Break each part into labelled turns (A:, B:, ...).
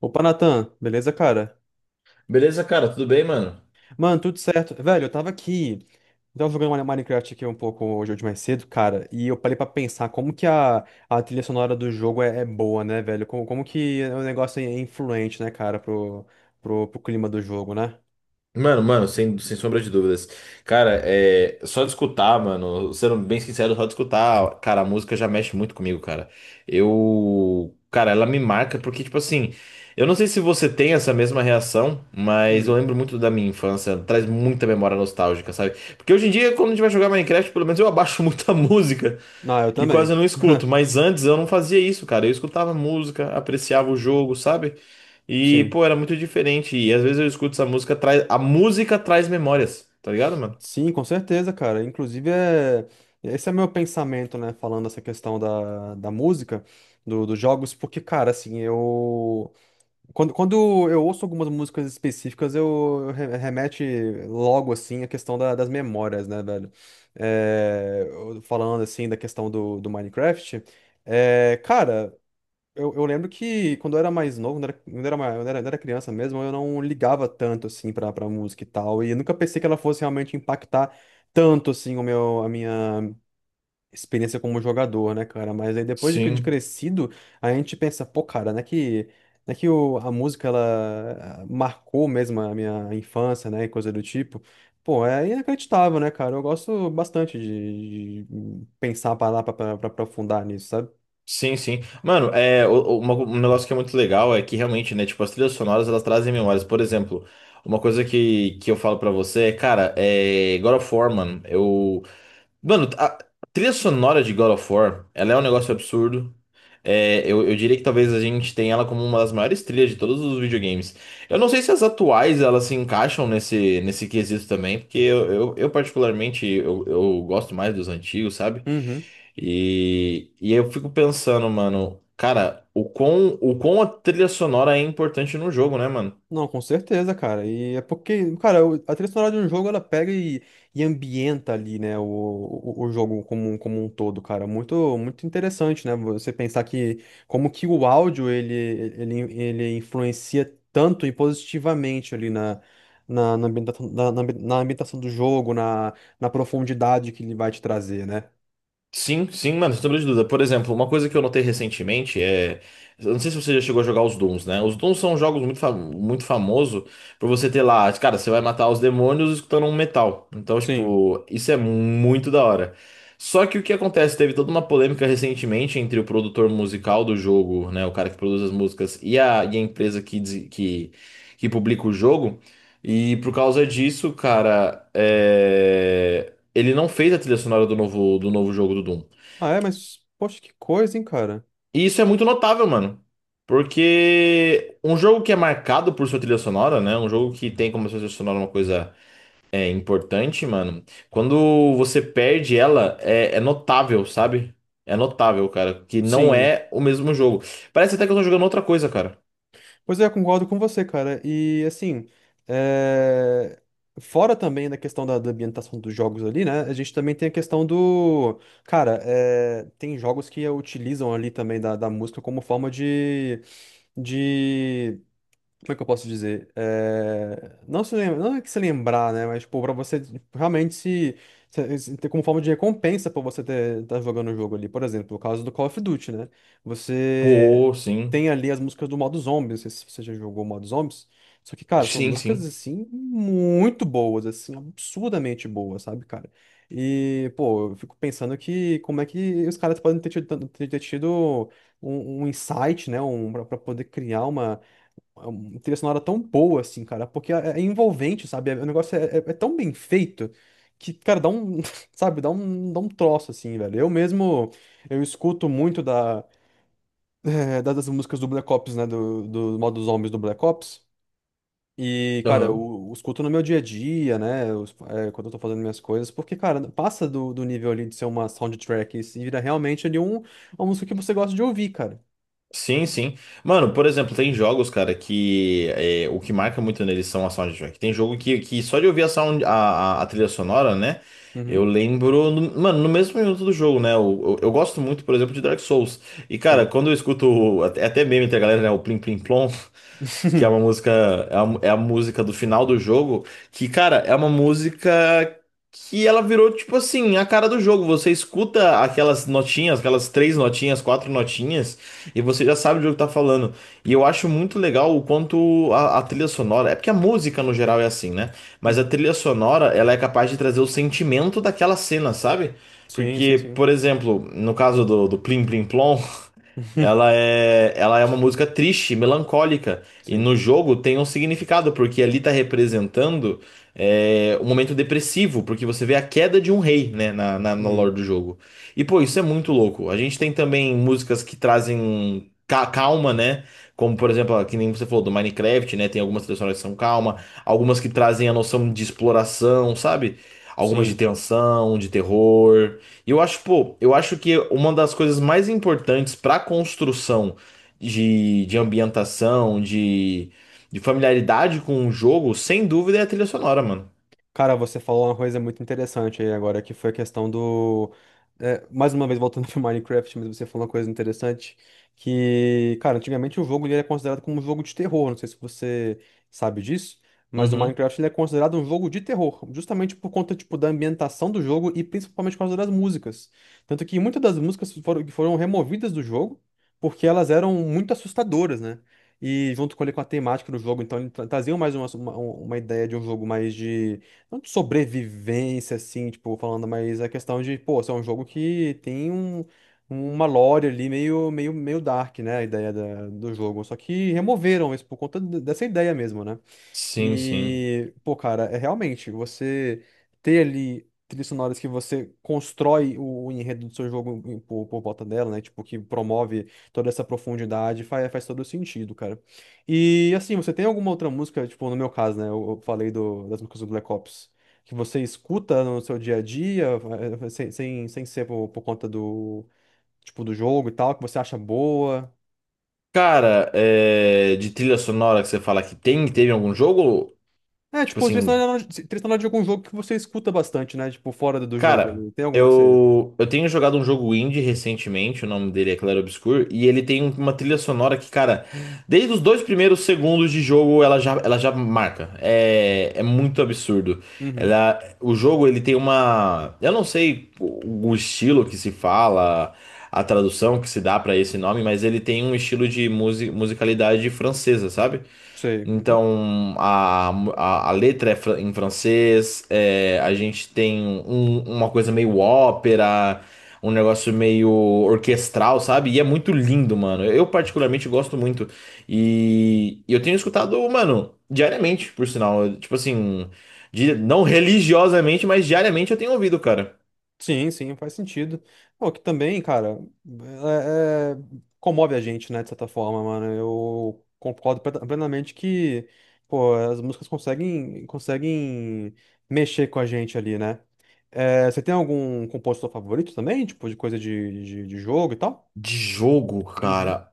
A: Opa, Natan, beleza, cara?
B: Beleza, cara, tudo bem, mano?
A: Mano, tudo certo. Velho, eu tava aqui. Eu tava jogando Minecraft aqui um pouco hoje mais cedo, cara, e eu parei pra pensar como que a trilha sonora do jogo é boa, né, velho? Como que o negócio é influente, né, cara, pro clima do jogo, né?
B: Mano, sem sombra de dúvidas. Cara, é só de escutar, mano, sendo bem sincero, só de escutar, cara, a música já mexe muito comigo, cara. Eu, cara, ela me marca porque, tipo assim, eu não sei se você tem essa mesma reação, mas eu
A: Hum.
B: lembro muito da minha infância, traz muita memória nostálgica, sabe? Porque hoje em dia, quando a gente vai jogar Minecraft, pelo menos eu abaixo muito a música,
A: Ah, eu
B: e quase
A: também.
B: não escuto, mas antes eu não fazia isso, cara. Eu escutava música, apreciava o jogo, sabe? E,
A: Sim.
B: pô, era muito diferente. E às vezes eu escuto essa música, traz a música traz memórias, tá ligado, mano?
A: Sim, com certeza, cara. Inclusive, esse é meu pensamento, né? Falando essa questão da música, dos jogos, porque, cara, assim, eu. Quando eu ouço algumas músicas específicas, remete logo, assim, a questão das memórias, né, velho? Falando, assim, da questão do Minecraft, é, cara, eu lembro que quando eu era mais novo, quando eu era criança mesmo, eu não ligava tanto, assim, pra música e tal, e eu nunca pensei que ela fosse realmente impactar tanto, assim, a minha experiência como jogador, né, cara? Mas aí depois de
B: Sim,
A: crescido, a gente pensa, pô, cara, né que a música, ela marcou mesmo a minha infância, né, e coisa do tipo. Pô, é inacreditável, né, cara? Eu gosto bastante de pensar, parar pra aprofundar nisso, sabe?
B: sim, sim. Mano, é, um negócio que é muito legal é que realmente, né, tipo, as trilhas sonoras, elas trazem memórias. Por exemplo, uma coisa que eu falo pra você é, cara, é God of War, mano, eu, mano, a trilha sonora de God of War, ela é um negócio absurdo. É, eu diria que talvez a gente tenha ela como uma das maiores trilhas de todos os videogames. Eu não sei se as atuais elas se encaixam nesse, nesse quesito também, porque eu particularmente eu gosto mais dos antigos, sabe?
A: Uhum.
B: E eu fico pensando, mano, cara, o quão a trilha sonora é importante no jogo, né, mano?
A: Não, com certeza, cara. E é porque, cara, a trilha sonora de um jogo ela pega e ambienta ali, né, o jogo como, como um todo, cara. Muito, muito interessante, né? Você pensar que como que o áudio ele influencia tanto e positivamente ali na ambientação, na ambientação do jogo, na, na profundidade que ele vai te trazer, né?
B: Sim, sim, mano, sem sombra de dúvida. Por exemplo, uma coisa que eu notei recentemente é. Eu não sei se você já chegou a jogar os Dooms, né? Os Dooms são jogos muito, fam muito famosos por você ter lá, cara, você vai matar os demônios escutando um metal. Então,
A: Sim.
B: tipo, isso é muito da hora. Só que o que acontece? Teve toda uma polêmica recentemente entre o produtor musical do jogo, né? O cara que produz as músicas e a empresa que, que publica o jogo. E por causa disso, cara, é. Ele não fez a trilha sonora do novo jogo do Doom.
A: Ah, é, mas poxa, que coisa, hein, cara?
B: E isso é muito notável, mano. Porque um jogo que é marcado por sua trilha sonora, né? Um jogo que tem como sua trilha sonora uma coisa é, importante, mano. Quando você perde ela, é, é notável, sabe? É notável, cara. Que não
A: Sim.
B: é o mesmo jogo. Parece até que eu tô jogando outra coisa, cara.
A: Pois é, eu concordo com você, cara. E assim, é, fora também da questão da ambientação dos jogos ali, né? A gente também tem a questão do. Cara, é, tem jogos que utilizam ali também da música como forma de como é que eu posso dizer? É, não se lembra, não é que se lembrar, né? Mas, pô, pra você tipo, realmente ter como forma de recompensa por você ter, tá jogando o jogo ali. Por exemplo, o caso do Call of Duty, né? Você
B: Pô, sim.
A: tem ali as músicas do modo zombies, não sei se você já jogou o modo zombies. Só que, cara, são
B: Sim,
A: músicas,
B: sim.
A: assim, muito boas, assim, absurdamente boas, sabe, cara? E, pô, eu fico pensando que como é que os caras podem ter tido, ter tido um, um insight, né? Pra, pra poder criar uma uma trilha sonora tão boa, assim, cara, porque é envolvente, sabe? O negócio é tão bem feito que, cara, dá um, sabe, dá um troço, assim, velho. Eu mesmo, eu escuto muito das músicas do Black Ops, né, do modo zombies do Black Ops. E, cara,
B: Aham.
A: eu escuto no meu dia a dia, né, quando eu tô fazendo minhas coisas, porque, cara, passa do nível ali de ser uma soundtrack e se vira realmente ali um, uma música que você gosta de ouvir, cara.
B: Sim, sim. Mano, por exemplo, tem jogos, cara, que é, o que marca muito neles são a soundtrack. Tem jogo que só de ouvir a, sound, a trilha sonora, né? Eu
A: Uhum,
B: lembro, no- mano, no mesmo minuto do jogo, né? Eu gosto muito, por exemplo, de Dark Souls. E, cara,
A: sim.
B: quando eu escuto, o- até meme entre a galera, né? O Plim Plim Plom que é uma música, é a, é a música do final do jogo, que, cara, é uma música que ela virou, tipo assim, a cara do jogo. Você escuta aquelas notinhas, aquelas três notinhas, quatro notinhas, e você já sabe do jogo que tá falando. E eu acho muito legal o quanto a trilha sonora, é porque a música no geral é assim, né? Mas a
A: Uhum,
B: trilha sonora, ela é capaz de trazer o sentimento daquela cena, sabe?
A: sim, sim,
B: Porque,
A: sim.
B: por exemplo, no caso do, do Plim Plim Plom, ela é uma música triste, melancólica, e
A: Sim.
B: no jogo tem um significado, porque ali tá representando é, um momento depressivo, porque você vê a queda de um rei, né, na lore
A: Uhum.
B: do jogo. E pô, isso é muito louco. A gente tem também músicas que trazem calma, né, como por exemplo, ó, que nem você falou do Minecraft, né, tem algumas trilhas sonoras que são calma, algumas que trazem a noção de exploração, sabe? Algumas de
A: Sim.
B: tensão, de terror. Eu acho, pô, eu acho que uma das coisas mais importantes para construção de ambientação, de familiaridade com o jogo, sem dúvida, é a trilha sonora, mano.
A: Cara, você falou uma coisa muito interessante aí agora, que foi a questão do. É, mais uma vez voltando pro Minecraft, mas você falou uma coisa interessante, que, cara, antigamente o jogo ele era considerado como um jogo de terror, não sei se você sabe disso, mas o
B: Uhum.
A: Minecraft ele é considerado um jogo de terror, justamente por conta, tipo, da ambientação do jogo e principalmente por causa das músicas. Tanto que muitas das músicas foram, que foram removidas do jogo, porque elas eram muito assustadoras, né? E junto com, ele, com a temática do jogo, então ele trazia mais uma, uma ideia de um jogo mais de não de sobrevivência, assim, tipo, falando, mas a questão de, pô, isso é um jogo que tem um, uma lore ali meio dark, né? A ideia do jogo. Só que removeram isso por conta dessa ideia mesmo, né?
B: Sim, sim.
A: E, pô, cara, é realmente você ter ali trilhas sonoras que você constrói o enredo do seu jogo por volta dela, né? Tipo, que promove toda essa profundidade, faz, faz todo sentido, cara. E, assim, você tem alguma outra música, tipo, no meu caso, né? Eu falei das músicas do Black Ops, que você escuta no seu dia a dia, eh, sem ser por conta do, tipo, do jogo e tal, que você acha boa.
B: Cara, é, de trilha sonora que você fala que tem, teve em algum jogo?
A: É,
B: Tipo
A: tipo,
B: assim.
A: trilha sonora de algum jogo que você escuta bastante, né? Tipo, fora do jogo
B: Cara,
A: ali. Tem alguma que você.
B: eu tenho jogado um jogo indie recentemente, o nome dele é Claro Obscur, e ele tem uma trilha sonora que, cara, desde os dois primeiros segundos de jogo ela já marca. É, é muito absurdo.
A: Uhum,
B: Ela, o jogo ele tem uma. Eu não sei o estilo que se fala, a tradução que se dá pra esse nome, mas ele tem um estilo de musicalidade francesa, sabe?
A: sei. Uhum.
B: Então, a letra é em francês, é, a gente tem uma coisa meio ópera, um negócio meio orquestral, sabe? E é muito lindo, mano. Eu particularmente gosto muito. E eu tenho escutado, mano, diariamente, por sinal. Eu, tipo assim, não religiosamente, mas diariamente eu tenho ouvido, cara.
A: Sim, sim, faz sentido. Pô, que também, cara, é- é- comove a gente, né? De certa forma, mano. Eu concordo plenamente que, pô, as músicas conseguem, conseguem mexer com a gente ali, né? É, você tem algum compositor favorito também? Tipo, de coisa de jogo e tal?
B: De jogo,
A: Uhum,
B: cara.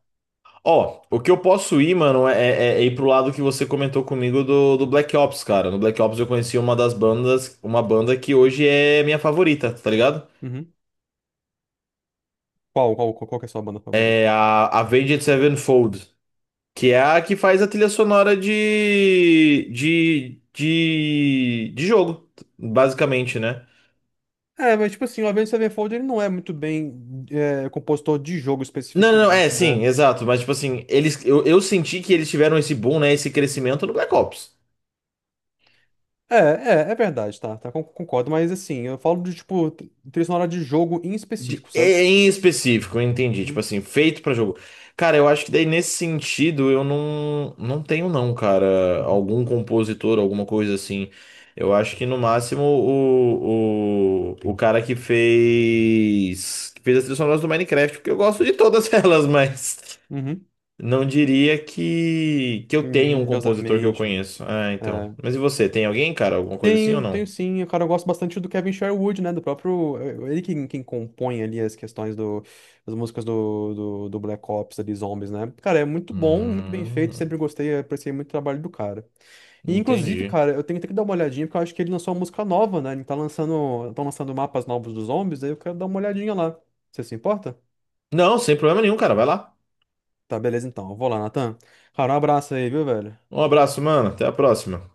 B: Ó, o que eu posso ir, mano, é, é ir pro lado que você comentou comigo do, do Black Ops, cara. No Black Ops eu conheci uma das bandas, uma banda que hoje é minha favorita, tá ligado?
A: uhum. Qual que é a sua banda favorita?
B: É a Avenged Sevenfold, que é a que faz a trilha sonora de jogo, basicamente, né?
A: É, mas tipo assim, o Avenged Sevenfold ele não é muito bem é, compositor de jogo
B: Não, não, não, é,
A: especificamente, né?
B: sim, exato, mas tipo assim, eles, eu senti que eles tiveram esse boom, né, esse crescimento no Black Ops.
A: É verdade, concordo, mas assim, eu falo de tipo, trilha sonora de jogo em
B: De-
A: específico, sabe?
B: em específico, eu entendi. Tipo
A: Uhum,
B: assim, feito pra jogo. Cara, eu acho que daí nesse sentido eu não, não tenho, não, cara.
A: uhum,
B: Algum compositor, alguma coisa assim. Eu acho que no máximo o cara que fez. Que fez as trilhas sonoras do Minecraft, porque eu gosto de todas elas, mas
A: uhum.
B: não diria que eu tenho um compositor que eu
A: Religiosamente,
B: conheço. Ah, então.
A: é.
B: Mas e você, tem alguém, cara? Alguma coisa assim ou
A: Tenho, tenho
B: não?
A: sim. Cara, eu gosto bastante do Kevin Sherwood, né? Do próprio. Eh, ele quem compõe ali as questões das músicas do Black Ops, ali, Zombies, né? Cara, é muito bom, muito bem feito.
B: Hum,
A: Sempre gostei, apreciei muito o trabalho do cara. E, inclusive,
B: entendi.
A: cara, eu tenho, tenho que dar uma olhadinha, porque eu acho que ele lançou uma música nova, né? Ele tá lançando, estão lançando mapas novos dos Zombies, aí eu quero dar uma olhadinha lá. Você se importa?
B: Não, sem problema nenhum, cara. Vai lá.
A: Tá, beleza então. Eu vou lá, Natan. Cara, um abraço aí, viu, velho?
B: Um abraço, mano. Até a próxima.